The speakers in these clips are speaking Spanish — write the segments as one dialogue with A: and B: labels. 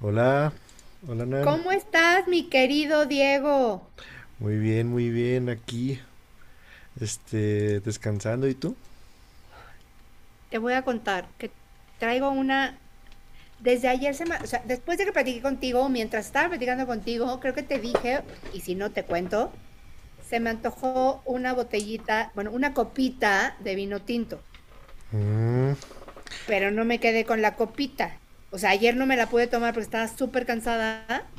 A: Hola, hola Nan.
B: ¿Cómo estás, mi querido Diego?
A: Muy bien, aquí, descansando. ¿Y tú?
B: Te voy a contar que traigo una. Desde ayer, o sea, después de que platiqué contigo, mientras estaba platicando contigo, creo que te dije, y si no te cuento, se me antojó una botellita, bueno, una copita de vino tinto,
A: Mm.
B: pero no me quedé con la copita. O sea, ayer no me la pude tomar porque estaba súper cansada,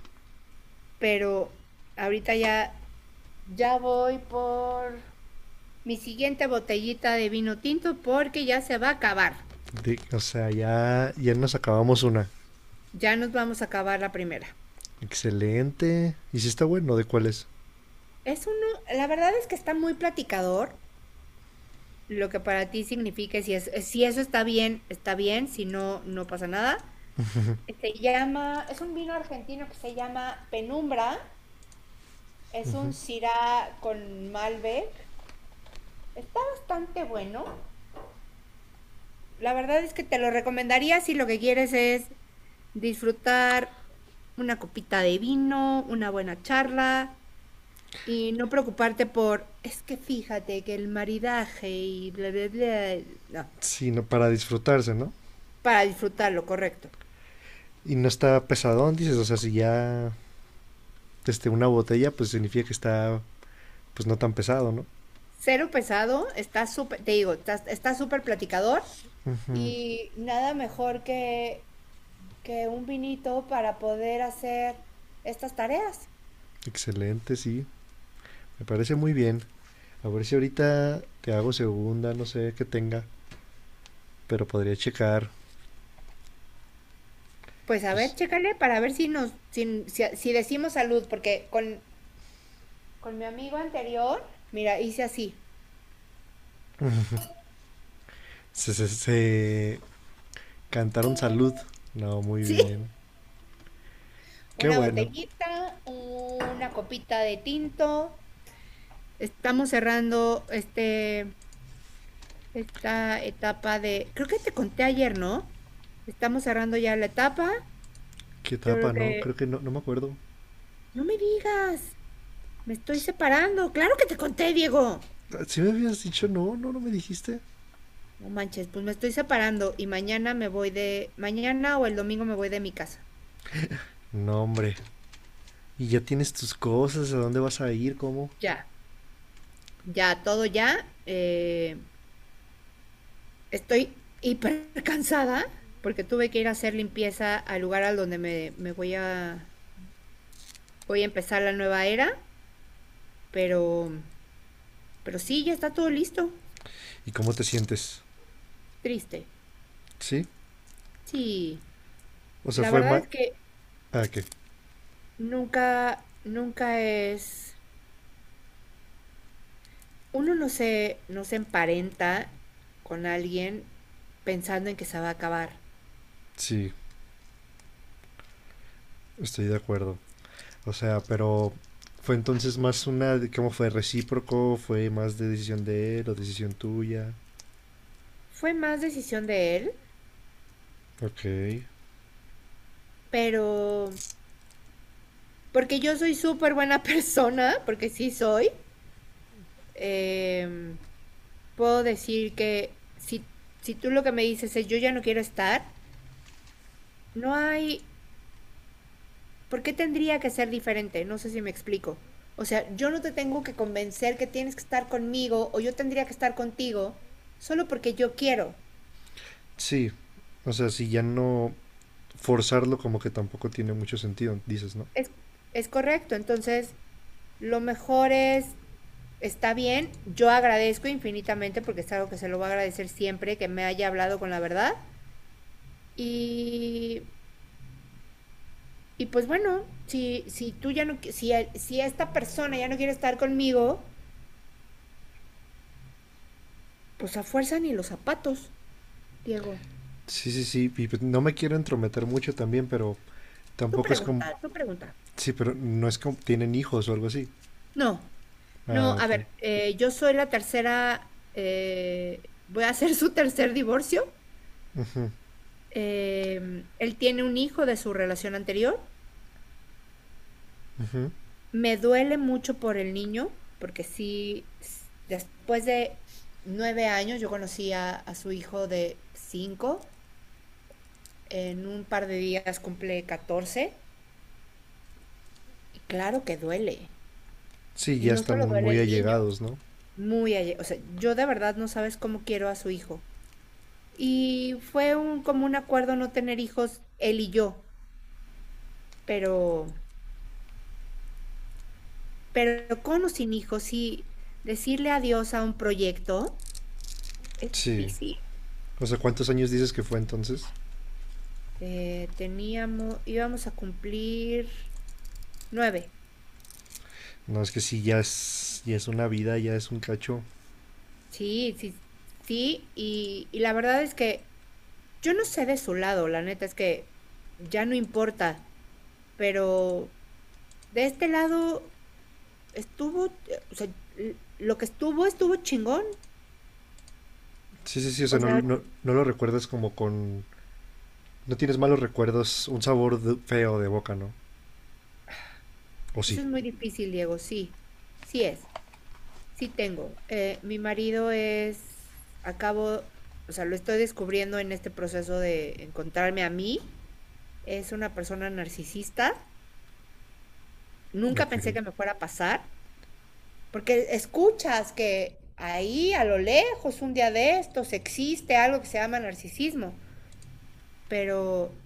B: pero ahorita ya voy por mi siguiente botellita de vino tinto porque ya se va a acabar.
A: O sea, ya, ya nos acabamos una.
B: Ya nos vamos a acabar la primera.
A: Excelente. ¿Y si está bueno? ¿De cuál es?
B: Es uno, la verdad es que está muy platicador, lo que para ti significa si eso está bien, si no, no pasa nada. Es un vino argentino que se llama Penumbra, es
A: Ujú.
B: un Syrah con Malbec. Está bastante bueno. La verdad es que te lo recomendaría si lo que quieres es disfrutar una copita de vino, una buena charla, y no preocuparte es que fíjate que el maridaje y bla, bla, bla. No,
A: Sí, no, para disfrutarse, ¿no?
B: para disfrutarlo, correcto.
A: Y no está pesadón, dices. O sea, si ya, una botella, pues significa que está, pues no tan pesado, ¿no?
B: Cero pesado, está súper, te digo, está súper platicador
A: Ujú.
B: y nada mejor que un vinito para poder hacer estas tareas.
A: Excelente, sí. Me parece muy bien. A ver si ahorita te hago segunda, no sé qué tenga, pero podría checar,
B: Pues a ver,
A: pues,
B: chécale para ver si nos, si, si, si decimos salud, porque con mi amigo anterior, mira, hice así.
A: se, se, se- Cantaron salud. No, muy
B: Sí.
A: bien. Qué
B: Una
A: bueno.
B: botellita, una copita de tinto, estamos cerrando esta etapa creo que te conté ayer, ¿no? Estamos cerrando ya la etapa.
A: Qué
B: Yo creo
A: etapa, ¿no? Creo
B: que,
A: que no, no me acuerdo.
B: no me digas, me estoy separando. Claro que te conté, Diego.
A: Si me habías dicho no, no, no me dijiste.
B: No manches, pues me estoy separando y mañana mañana o el domingo me voy de mi casa.
A: No, hombre. Y ya tienes tus cosas, a dónde vas a ir, cómo.
B: Ya, ya, todo ya. Estoy hiper cansada porque tuve que ir a hacer limpieza al lugar al donde me voy a, empezar la nueva era, pero Pero sí, ya está todo listo.
A: ¿Y cómo te sientes?
B: Triste.
A: ¿Sí?
B: Sí,
A: O sea,
B: la
A: fue
B: verdad
A: más...
B: es que
A: Ah, que
B: nunca es, uno no se emparenta con alguien pensando en que se va a acabar.
A: sí, estoy de acuerdo. O sea, pero fue entonces más una... ¿Cómo fue? ¿Recíproco? ¿Fue más de decisión de él o decisión tuya?
B: Fue más decisión de él,
A: Ok.
B: pero porque yo soy súper buena persona, porque sí soy, em, puedo decir que si tú lo que me dices es yo ya no quiero estar, no hay. ¿Por qué tendría que ser diferente? No sé si me explico. O sea, yo no te tengo que convencer que tienes que estar conmigo o yo tendría que estar contigo solo porque yo quiero.
A: Sí, o sea, si ya no... Forzarlo como que tampoco tiene mucho sentido, dices, ¿no?
B: Es, es correcto. Entonces, lo mejor es, está bien, yo agradezco infinitamente porque es algo que se lo voy a agradecer siempre que me haya hablado con la verdad. Y, y pues bueno, si esta persona ya no quiere estar conmigo, pues a fuerza ni los zapatos, Diego.
A: Sí, sí, sí, y pues no me quiero entrometer mucho también, pero
B: Tú
A: tampoco es como...
B: pregunta, tú pregunta.
A: Sí, pero no es como... ¿Tienen hijos o algo así?
B: No,
A: Ah,
B: no, a
A: ok.
B: ver, yo soy la tercera, voy a hacer su tercer divorcio. Eh, Él tiene un hijo de su relación anterior.
A: Ujú.
B: Me duele mucho por el niño, porque sí, después de 9 años yo conocí a su hijo de cinco. En un par de días cumple 14. Y claro que duele.
A: Sí,
B: Y
A: ya
B: no solo
A: están
B: duele
A: muy
B: el niño,
A: allegados, ¿no?
B: o sea, yo de verdad no sabes cómo quiero a su hijo. Y fue como un acuerdo no tener hijos, él y yo, pero, pero con o sin hijos, sí, decirle adiós a un proyecto es
A: Sí.
B: difícil.
A: O sea, ¿cuántos años dices que fue entonces?
B: Íbamos a cumplir 9.
A: No, es que sí, ya es una vida, ya es un cacho.
B: Sí, sí, sí, y la verdad es que yo no sé de su lado, la neta es que ya no importa, pero de este lado estuvo, o sea, lo que estuvo, estuvo chingón.
A: Sí, sí, sí, o sea,
B: O
A: no,
B: sea,
A: no, no lo recuerdas como con... No tienes malos recuerdos, un sabor feo de boca, ¿no? O
B: eso
A: sí.
B: es muy difícil, Diego, sí, sí es, sí tengo. Mi marido es, acabo, o sea, lo estoy descubriendo en este proceso de encontrarme a mí. Es una persona narcisista. Nunca
A: Ok.
B: pensé que me fuera a pasar, porque escuchas que ahí a lo lejos, un día de estos, existe algo que se llama narcisismo, pero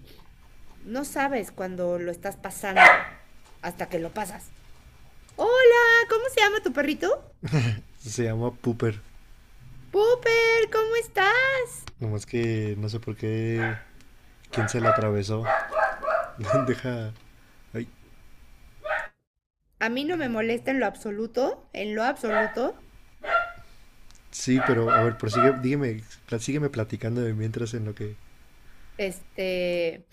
B: no sabes cuando lo estás pasando hasta que lo pasas. Hola, ¿cómo se llama tu perrito?
A: Se llama Pooper.
B: Pooper, ¿cómo estás?
A: Nomás que no sé por qué... ¿Quién se la atravesó? Deja... Ay.
B: A mí no me molesta en lo absoluto, en lo absoluto.
A: Sí, pero a ver, prosigue, dígame, sígueme platicando de mientras en lo que...
B: Este,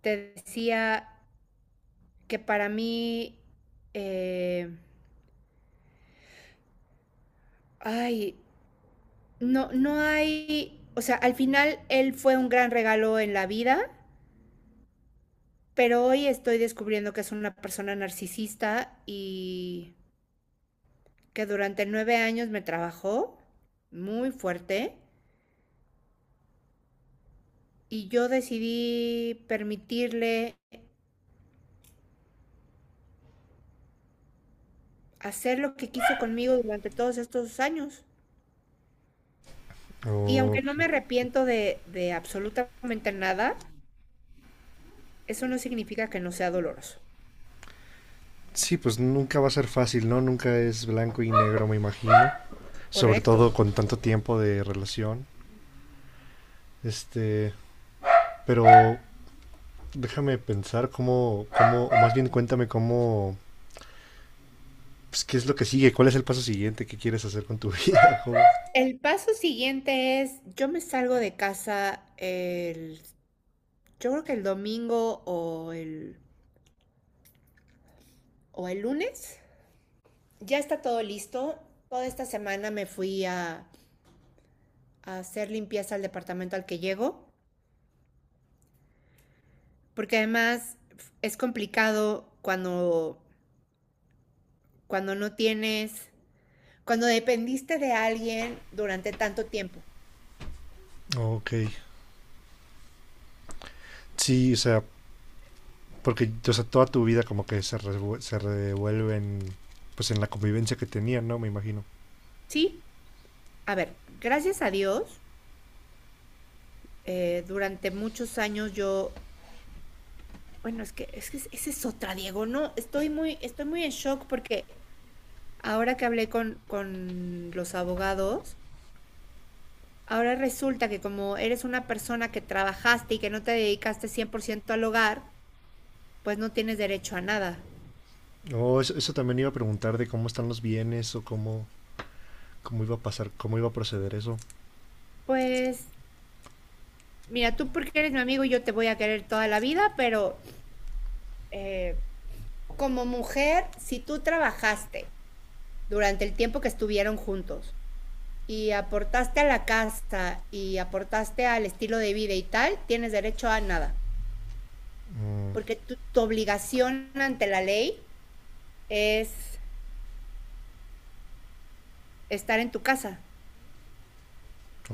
B: te decía que para mí, eh, ay, no, no hay, o sea, al final él fue un gran regalo en la vida, pero hoy estoy descubriendo que es una persona narcisista y que durante 9 años me trabajó muy fuerte y yo decidí permitirle hacer lo que quiso conmigo durante todos estos años. Y aunque no
A: Ok.
B: me arrepiento de absolutamente nada, eso no significa que no sea doloroso.
A: Sí, pues nunca va a ser fácil, ¿no? Nunca es blanco y negro, me imagino. Sobre
B: Correcto.
A: todo con tanto tiempo de relación. Este, pero déjame pensar cómo, cómo, o más bien cuéntame cómo, pues, qué es lo que sigue, cuál es el paso siguiente que quieres hacer con tu vida, joven.
B: El paso siguiente es, yo me salgo de casa yo creo que el domingo o el lunes. Ya está todo listo. Toda esta semana me fui a hacer limpieza al departamento al que llego, porque además es complicado cuando no tienes, cuando dependiste de alguien durante tanto tiempo.
A: Ok. Sí, o sea, porque, o sea, toda tu vida como que se revuelve en, pues en la convivencia que tenían, ¿no? Me imagino.
B: Sí, a ver, gracias a Dios, durante muchos años yo, bueno, esa es otra, Diego, no, estoy muy en shock porque ahora que hablé con los abogados, ahora resulta que como eres una persona que trabajaste y que no te dedicaste 100% al hogar, pues no tienes derecho a nada.
A: Oh, eso también iba a preguntar de cómo están los bienes o cómo, cómo iba a pasar, cómo iba a proceder eso.
B: Pues, mira, tú porque eres mi amigo y yo te voy a querer toda la vida, pero eh, como mujer, si tú trabajaste durante el tiempo que estuvieron juntos, y aportaste a la casa y aportaste al estilo de vida y tal, tienes derecho a nada.
A: Mm.
B: Porque tu obligación ante la ley es estar en tu casa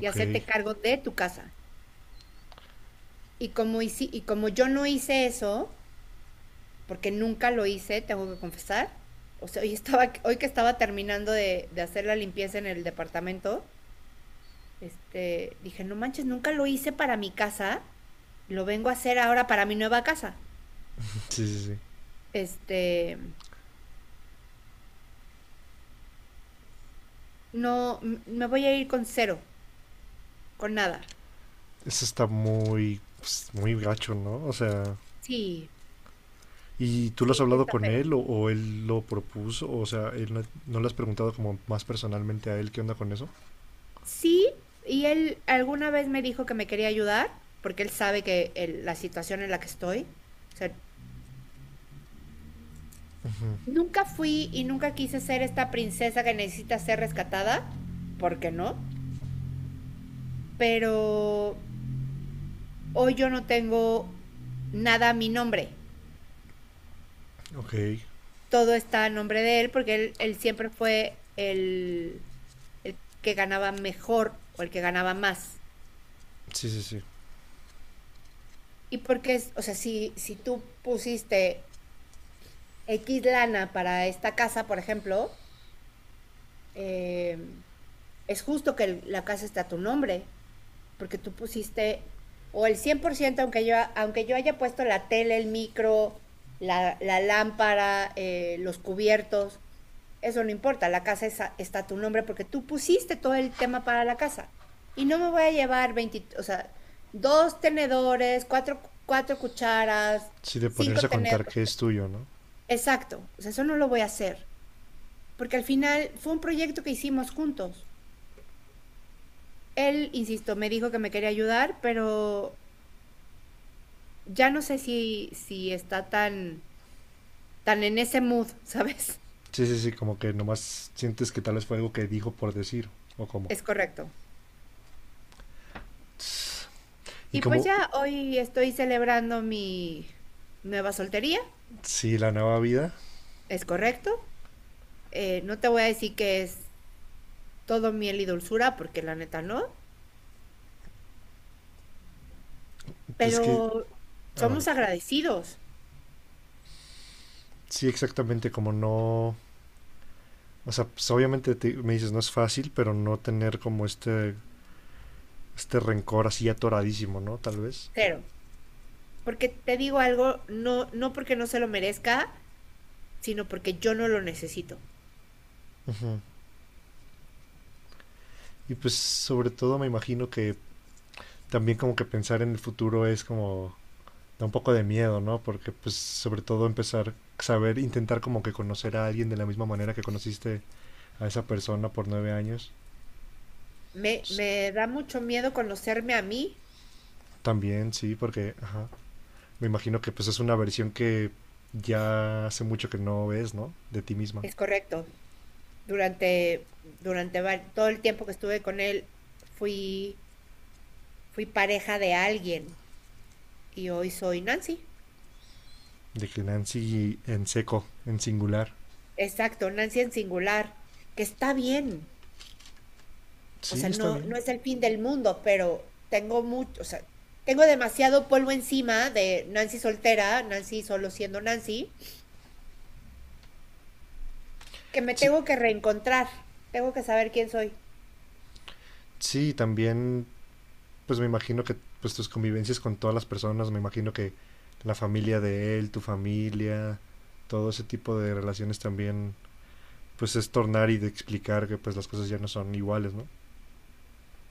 B: y hacerte cargo de tu casa. Y como yo no hice eso, porque nunca lo hice, tengo que confesar, o sea, hoy, estaba, hoy que estaba terminando de hacer la limpieza en el departamento, este, dije, no manches, nunca lo hice para mi casa, lo vengo a hacer ahora para mi nueva casa.
A: sí, sí, sí.
B: Este, no, me voy a ir con cero, con nada.
A: Eso está muy, pues, muy gacho, ¿no? O sea,
B: Sí,
A: ¿y tú lo has
B: sí, sí
A: hablado
B: está
A: con
B: feo.
A: él o él lo propuso? O sea, él no, no le has preguntado como más personalmente a él qué onda con eso?
B: Sí, y él alguna vez me dijo que me quería ayudar, porque él sabe que la situación en la que estoy. O sea,
A: Ujú.
B: nunca fui y nunca quise ser esta princesa que necesita ser rescatada, porque no. Pero hoy yo no tengo nada a mi nombre.
A: Ok,
B: Todo está a nombre de él, porque él siempre fue el que ganaba mejor o el que ganaba más.
A: sí, sí, sí.
B: Y porque, o sea, si tú pusiste X lana para esta casa, por ejemplo, eh, es justo que la casa está a tu nombre, porque tú pusiste o el 100% aunque yo, haya puesto la tele, el micro, la lámpara, los cubiertos, eso no importa, la casa es está a tu nombre porque tú pusiste todo el tema para la casa. Y no me voy a llevar 20, o sea, dos tenedores, cuatro cucharas,
A: Sí, de
B: cinco
A: ponerse a
B: tenedores.
A: contar que es tuyo, ¿no?
B: Exacto, o sea, eso no lo voy a hacer, porque al final fue un proyecto que hicimos juntos. Él, insisto, me dijo que me quería ayudar, pero ya no sé si está tan, tan en ese mood, ¿sabes?
A: Sí, sí, sí, como que nomás sientes que tal vez fue algo que dijo por decir, o como.
B: Es correcto.
A: Y
B: Y pues
A: como,
B: ya hoy estoy celebrando mi nueva soltería,
A: sí, la nueva vida,
B: es correcto. No te voy a decir que es todo miel y dulzura, porque la neta no,
A: pues que
B: pero
A: Ah, bueno.
B: somos agradecidos,
A: Sí, exactamente, como no... O sea, pues obviamente me dices, no es fácil, pero no tener como este rencor así atoradísimo, ¿no? Tal vez.
B: cero. Porque te digo algo, no, no porque no se lo merezca, sino porque yo no lo necesito.
A: Ujú. Y pues sobre todo me imagino que también como que pensar en el futuro es como... Da un poco de miedo, ¿no? Porque pues sobre todo empezar, saber, intentar como que conocer a alguien de la misma manera que conociste a esa persona por 9 años.
B: Me,
A: Pues,
B: me da mucho miedo conocerme a mí,
A: también, sí, porque ajá, me imagino que pues es una versión que ya hace mucho que no ves, ¿no? De ti misma.
B: es correcto. Durante todo el tiempo que estuve con él, fui, fui pareja de alguien y hoy soy Nancy.
A: De que Nancy en seco, en singular.
B: Exacto, Nancy en singular, que está bien. O sea,
A: Sí, está
B: no,
A: bien.
B: no es el fin del mundo, pero tengo mucho, o sea, tengo demasiado polvo encima de Nancy soltera, Nancy solo siendo Nancy que me
A: Sí,
B: tengo que reencontrar, tengo que saber quién soy.
A: sí, también, pues me imagino que pues tus convivencias con todas las personas, me imagino que la familia de él, tu familia, todo ese tipo de relaciones también, pues es tornar y de explicar que pues las cosas ya no son iguales, ¿no?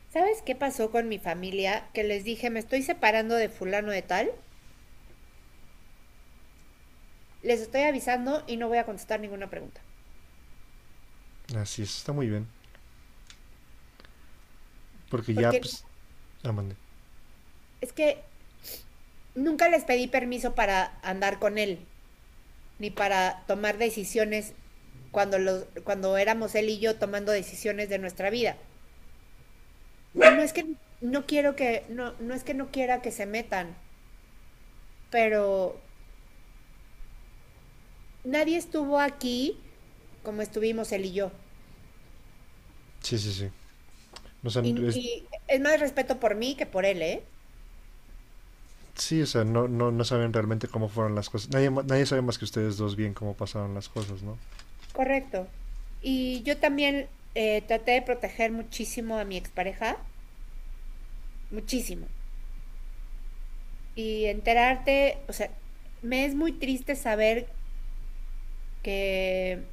B: ¿Sabes qué pasó con mi familia? Que les dije, me estoy separando de fulano de tal, les estoy avisando y no voy a contestar ninguna pregunta.
A: Así es, está muy bien. Porque ya,
B: Porque
A: pues, ah, mandé.
B: es que nunca les pedí permiso para andar con él, ni para tomar decisiones cuando, los, cuando éramos él y yo tomando decisiones de nuestra vida. Y no es que no quiero que, no, no es que no quiera que se metan, pero nadie estuvo aquí como estuvimos él y yo.
A: Sí, sí, sí. O sea,
B: Y, y es más respeto por mí que por él, ¿eh?
A: sí, o sea, no, no, no saben realmente cómo fueron las cosas. Nadie sabe más que ustedes dos bien cómo pasaron las cosas, ¿no?
B: Correcto. Y yo también traté de proteger muchísimo a mi expareja, muchísimo. Y enterarte, o sea, me es muy triste saber que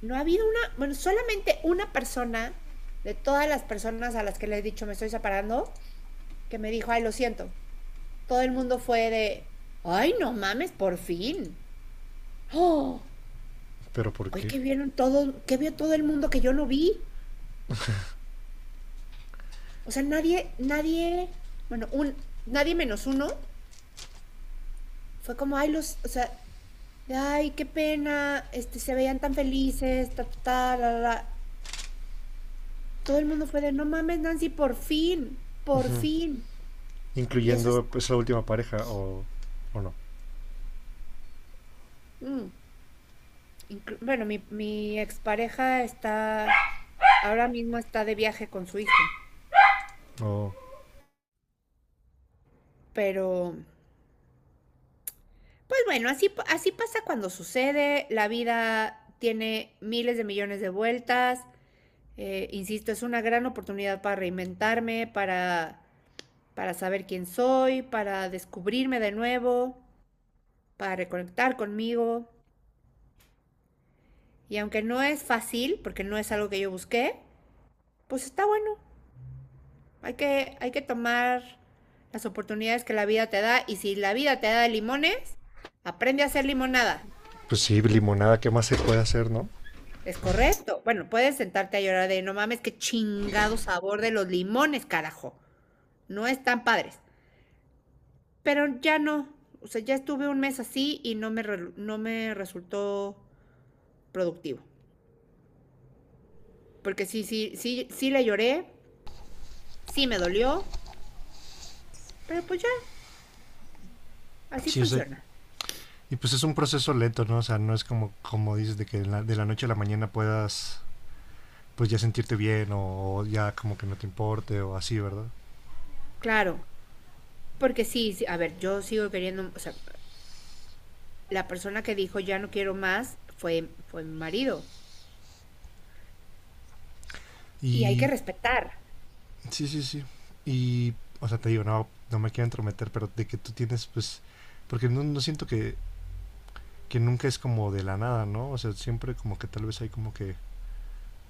B: no ha habido una, bueno, solamente una persona de todas las personas a las que le he dicho me estoy separando, que me dijo, ay, lo siento. Todo el mundo fue de, ay, no mames, por fin. Oh,
A: Pero ¿por
B: oye,
A: qué?
B: que vieron todo, ¿qué vio todo el mundo que yo no vi? O sea, nadie, nadie, bueno, un, nadie menos uno fue como, ay, los, o sea, de, ay, qué pena, se veían tan felices, todo el mundo fue de, no mames, Nancy, por fin, por
A: Ujú.
B: fin. Y eso es,
A: Incluyendo pues la última pareja o no.
B: mm, inclu- bueno, Mi expareja está, ahora mismo está de viaje con su hijo,
A: O,
B: pero pues bueno, así pasa cuando sucede. La vida tiene miles de millones de vueltas. Insisto, es una gran oportunidad para reinventarme, para saber quién soy, para descubrirme de nuevo, para reconectar conmigo. Y aunque no es fácil, porque no es algo que yo busqué, pues está bueno. Hay que tomar las oportunidades que la vida te da. Y si la vida te da limones, aprende a hacer limonada.
A: pues sí, limonada, ¿qué más se puede hacer, no?
B: Es correcto. Bueno, puedes sentarte a llorar de no mames, qué chingado sabor de los limones, carajo. No están padres, pero ya no. O sea, ya estuve un mes así y no me resultó productivo. Porque sí, le lloré, sí me dolió, pero pues ya, así
A: Sí, o sea,
B: funciona.
A: y pues es un proceso lento, ¿no? O sea, no es como dices de que de la noche a la mañana puedas pues ya sentirte bien o ya como que no te importe o así, ¿verdad?
B: Claro, porque a ver, yo sigo queriendo. O sea, la persona que dijo ya no quiero más fue mi marido. Y hay que
A: Y
B: respetar.
A: sí, sí, sí. Y, o sea, te digo, no, no me quiero entrometer, pero de que tú tienes, pues, porque no, no siento que nunca es como de la nada, ¿no? O sea, siempre como que tal vez hay como que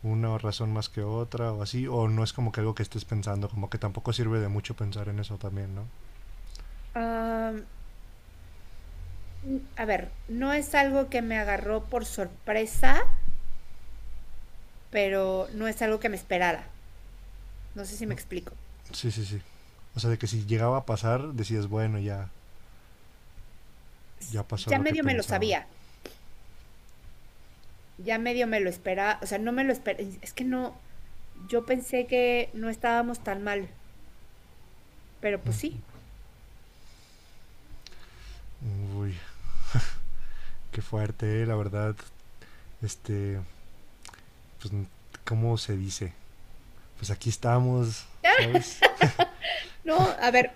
A: una razón más que otra o así, o no es como que algo que estés pensando, como que tampoco sirve de mucho pensar en eso también, ¿no?
B: Ah, a ver, no es algo que me agarró por sorpresa, pero no es algo que me esperara. No sé si me
A: Mm.
B: explico.
A: Sí, sí, sí. O sea, de que si llegaba a pasar, decías, bueno, ya, ya pasó
B: Ya
A: lo que
B: medio me lo
A: pensaba.
B: sabía, ya medio me lo esperaba. O sea, no me lo esperaba, es que no, yo pensé que no estábamos tan mal, pero pues sí.
A: Mm. Uy, qué fuerte, la verdad. Este, pues, ¿cómo se dice? Pues aquí estamos, ¿sabes?
B: No, a ver,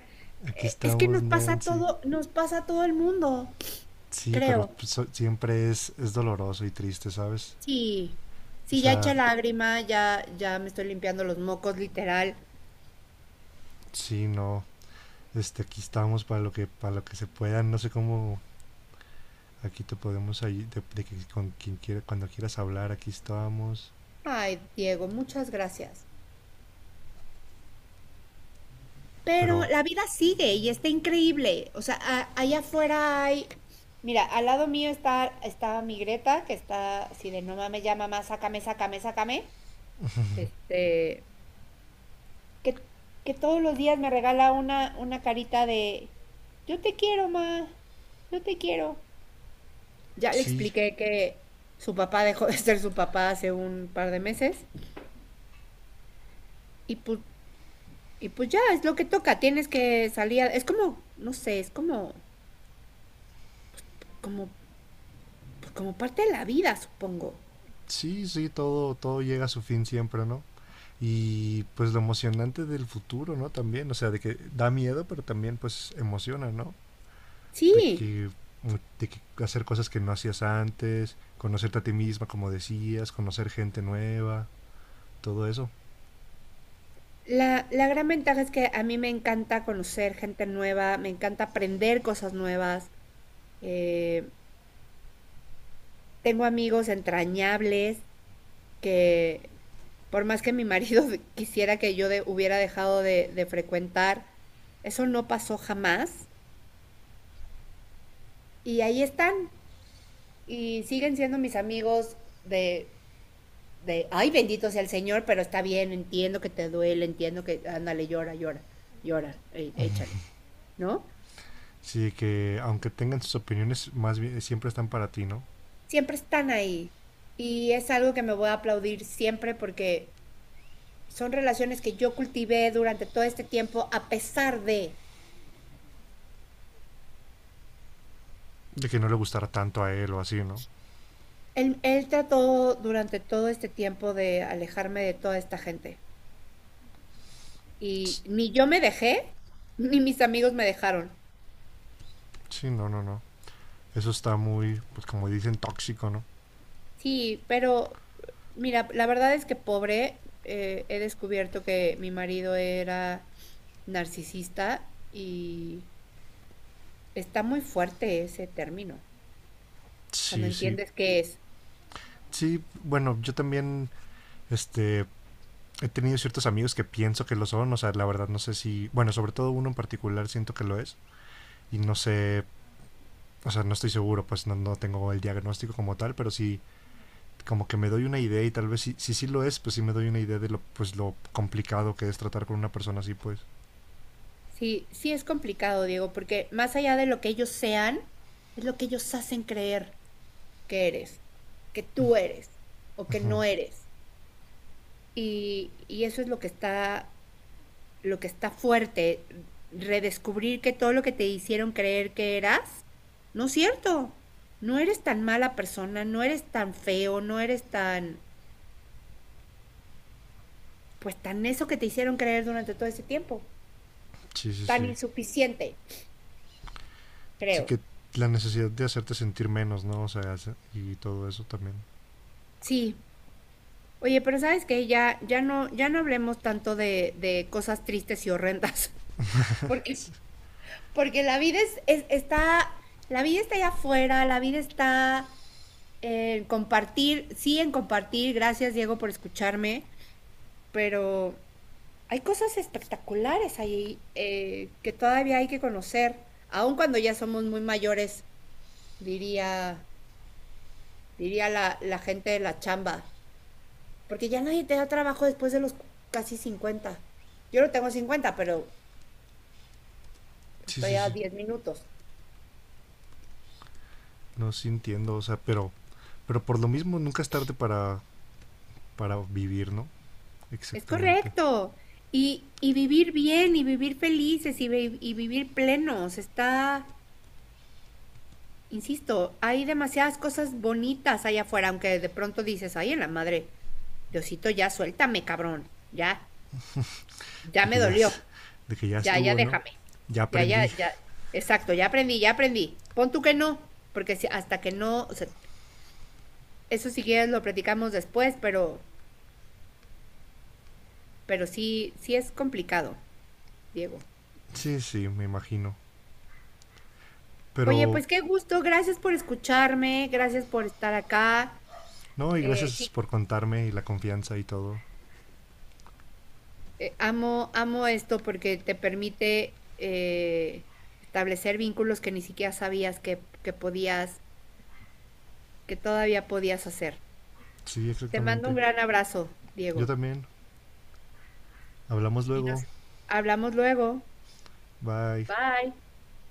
A: Aquí
B: es que
A: estamos,
B: nos pasa
A: Nancy.
B: todo, nos pasa a todo el mundo,
A: Sí, pero
B: creo.
A: pues, siempre es doloroso y triste, ¿sabes?
B: Sí,
A: O
B: sí, ya eché
A: sea,
B: lágrima, ya, ya me estoy limpiando los mocos, literal.
A: sí, no. Aquí estamos para lo que, se pueda. No sé cómo aquí te podemos ayudar, de que con quien quiera, cuando quieras hablar, aquí estamos.
B: Ay, Diego, muchas gracias. Pero
A: Pero
B: la vida sigue y está increíble. O sea, allá afuera hay. Mira, al lado mío está mi Greta, que está así de no mames, ya mamá, sácame, sácame, sácame. Este, Que, que todos los días me regala una carita de yo te quiero, ma, yo te quiero. Ya le
A: sí,
B: expliqué que su papá dejó de ser su papá hace un par de meses y pues, y pues ya es lo que toca, tienes que salir. Es como, no sé, es como, como, pues como parte de la vida, supongo.
A: sí, sí, todo, todo llega a su fin siempre, ¿no? Y pues lo emocionante del futuro, ¿no? También, o sea, de que da miedo, pero también pues emociona, ¿no? De
B: Sí,
A: que, de que hacer cosas que no hacías antes, conocerte a ti misma, como decías, conocer gente nueva, todo eso.
B: la gran ventaja es que a mí me encanta conocer gente nueva, me encanta aprender cosas nuevas. eh, Tengo amigos entrañables que, por más que mi marido quisiera que hubiera dejado de frecuentar, eso no pasó jamás. Y ahí están. Y siguen siendo mis amigos de, ay, bendito sea el Señor, pero está bien, entiendo que te duele, entiendo que, ándale, llora, llora, llora, échale, ¿no?
A: Sí, que aunque tengan sus opiniones, más bien siempre están para ti, ¿no?
B: Siempre están ahí. Y es algo que me voy a aplaudir siempre porque son relaciones que yo cultivé durante todo este tiempo a pesar de...
A: De que no le gustará tanto a él o así, ¿no?
B: Él trató durante todo este tiempo de alejarme de toda esta gente. Y ni yo me dejé, ni mis amigos me dejaron.
A: Sí, no, no, no. Eso está muy, pues como dicen, tóxico, ¿no?
B: Sí, pero mira, la verdad es que pobre, he descubierto que mi marido era narcisista, y está muy fuerte ese término, cuando
A: Sí, sí.
B: entiendes qué es.
A: Sí, bueno, yo también, este, he tenido ciertos amigos que pienso que lo son, o sea, la verdad no sé si, bueno, sobre todo uno en particular siento que lo es, y no sé, o sea, no estoy seguro, pues no, no tengo el diagnóstico como tal, pero sí, como que me doy una idea y tal vez si, sí lo es, pues sí me doy una idea de lo, pues, lo complicado que es tratar con una persona así, pues.
B: Sí, sí es complicado, Diego, porque más allá de lo que ellos sean, es lo que ellos hacen creer. que eres, que tú eres o que no eres. Y eso es lo que está fuerte, redescubrir que todo lo que te hicieron creer que eras, no es cierto. No eres tan mala persona, no eres tan feo, no eres tan, pues tan eso que te hicieron creer durante todo ese tiempo.
A: Sí, sí,
B: Tan
A: sí.
B: insuficiente,
A: Sí
B: creo.
A: que la necesidad de hacerte sentir menos, ¿no? O sea, y todo eso también.
B: Sí. Oye, pero sabes que ya, ya no, ya no hablemos tanto de cosas tristes y horrendas. Porque Porque la vida es, está, la vida está allá afuera, la vida está en compartir, sí, en compartir. Gracias, Diego, por escucharme. Pero hay cosas espectaculares ahí, que todavía hay que conocer, aun cuando ya somos muy mayores, diría, diría la gente de la chamba, porque ya nadie te da trabajo después de los casi 50. Yo no tengo 50, pero
A: Sí, sí,
B: estoy a
A: sí.
B: 10 minutos.
A: No, sí entiendo, o sea, pero por lo mismo nunca es tarde para, vivir, ¿no?
B: Es
A: Exactamente.
B: correcto. Y vivir bien y vivir felices y, y vivir plenos. Está, insisto, hay demasiadas cosas bonitas allá afuera, aunque de pronto dices, ay, en la madre, Diosito, ya suéltame, cabrón. Ya, ya
A: De
B: me
A: que ya, es-
B: dolió.
A: de que ya
B: Ya, ya
A: estuvo, ¿no?
B: déjame.
A: Ya
B: Ya, ya,
A: aprendí.
B: ya. Exacto, ya aprendí, ya aprendí. Pon tú que no, porque hasta que no, o sea, eso si quieres lo platicamos después, pero sí, sí es complicado, Diego.
A: Sí, sí, me imagino.
B: Oye,
A: Pero,
B: pues qué gusto, gracias por escucharme, gracias por estar acá.
A: no, y gracias
B: Sí,
A: por contarme y la confianza y todo.
B: amo, amo esto porque te permite, establecer vínculos que ni siquiera sabías que podías, que todavía podías hacer.
A: Sí,
B: Te mando
A: exactamente.
B: un gran abrazo,
A: Yo
B: Diego.
A: también. Hablamos
B: Y
A: luego.
B: nos hablamos luego.
A: Bye.
B: Bye.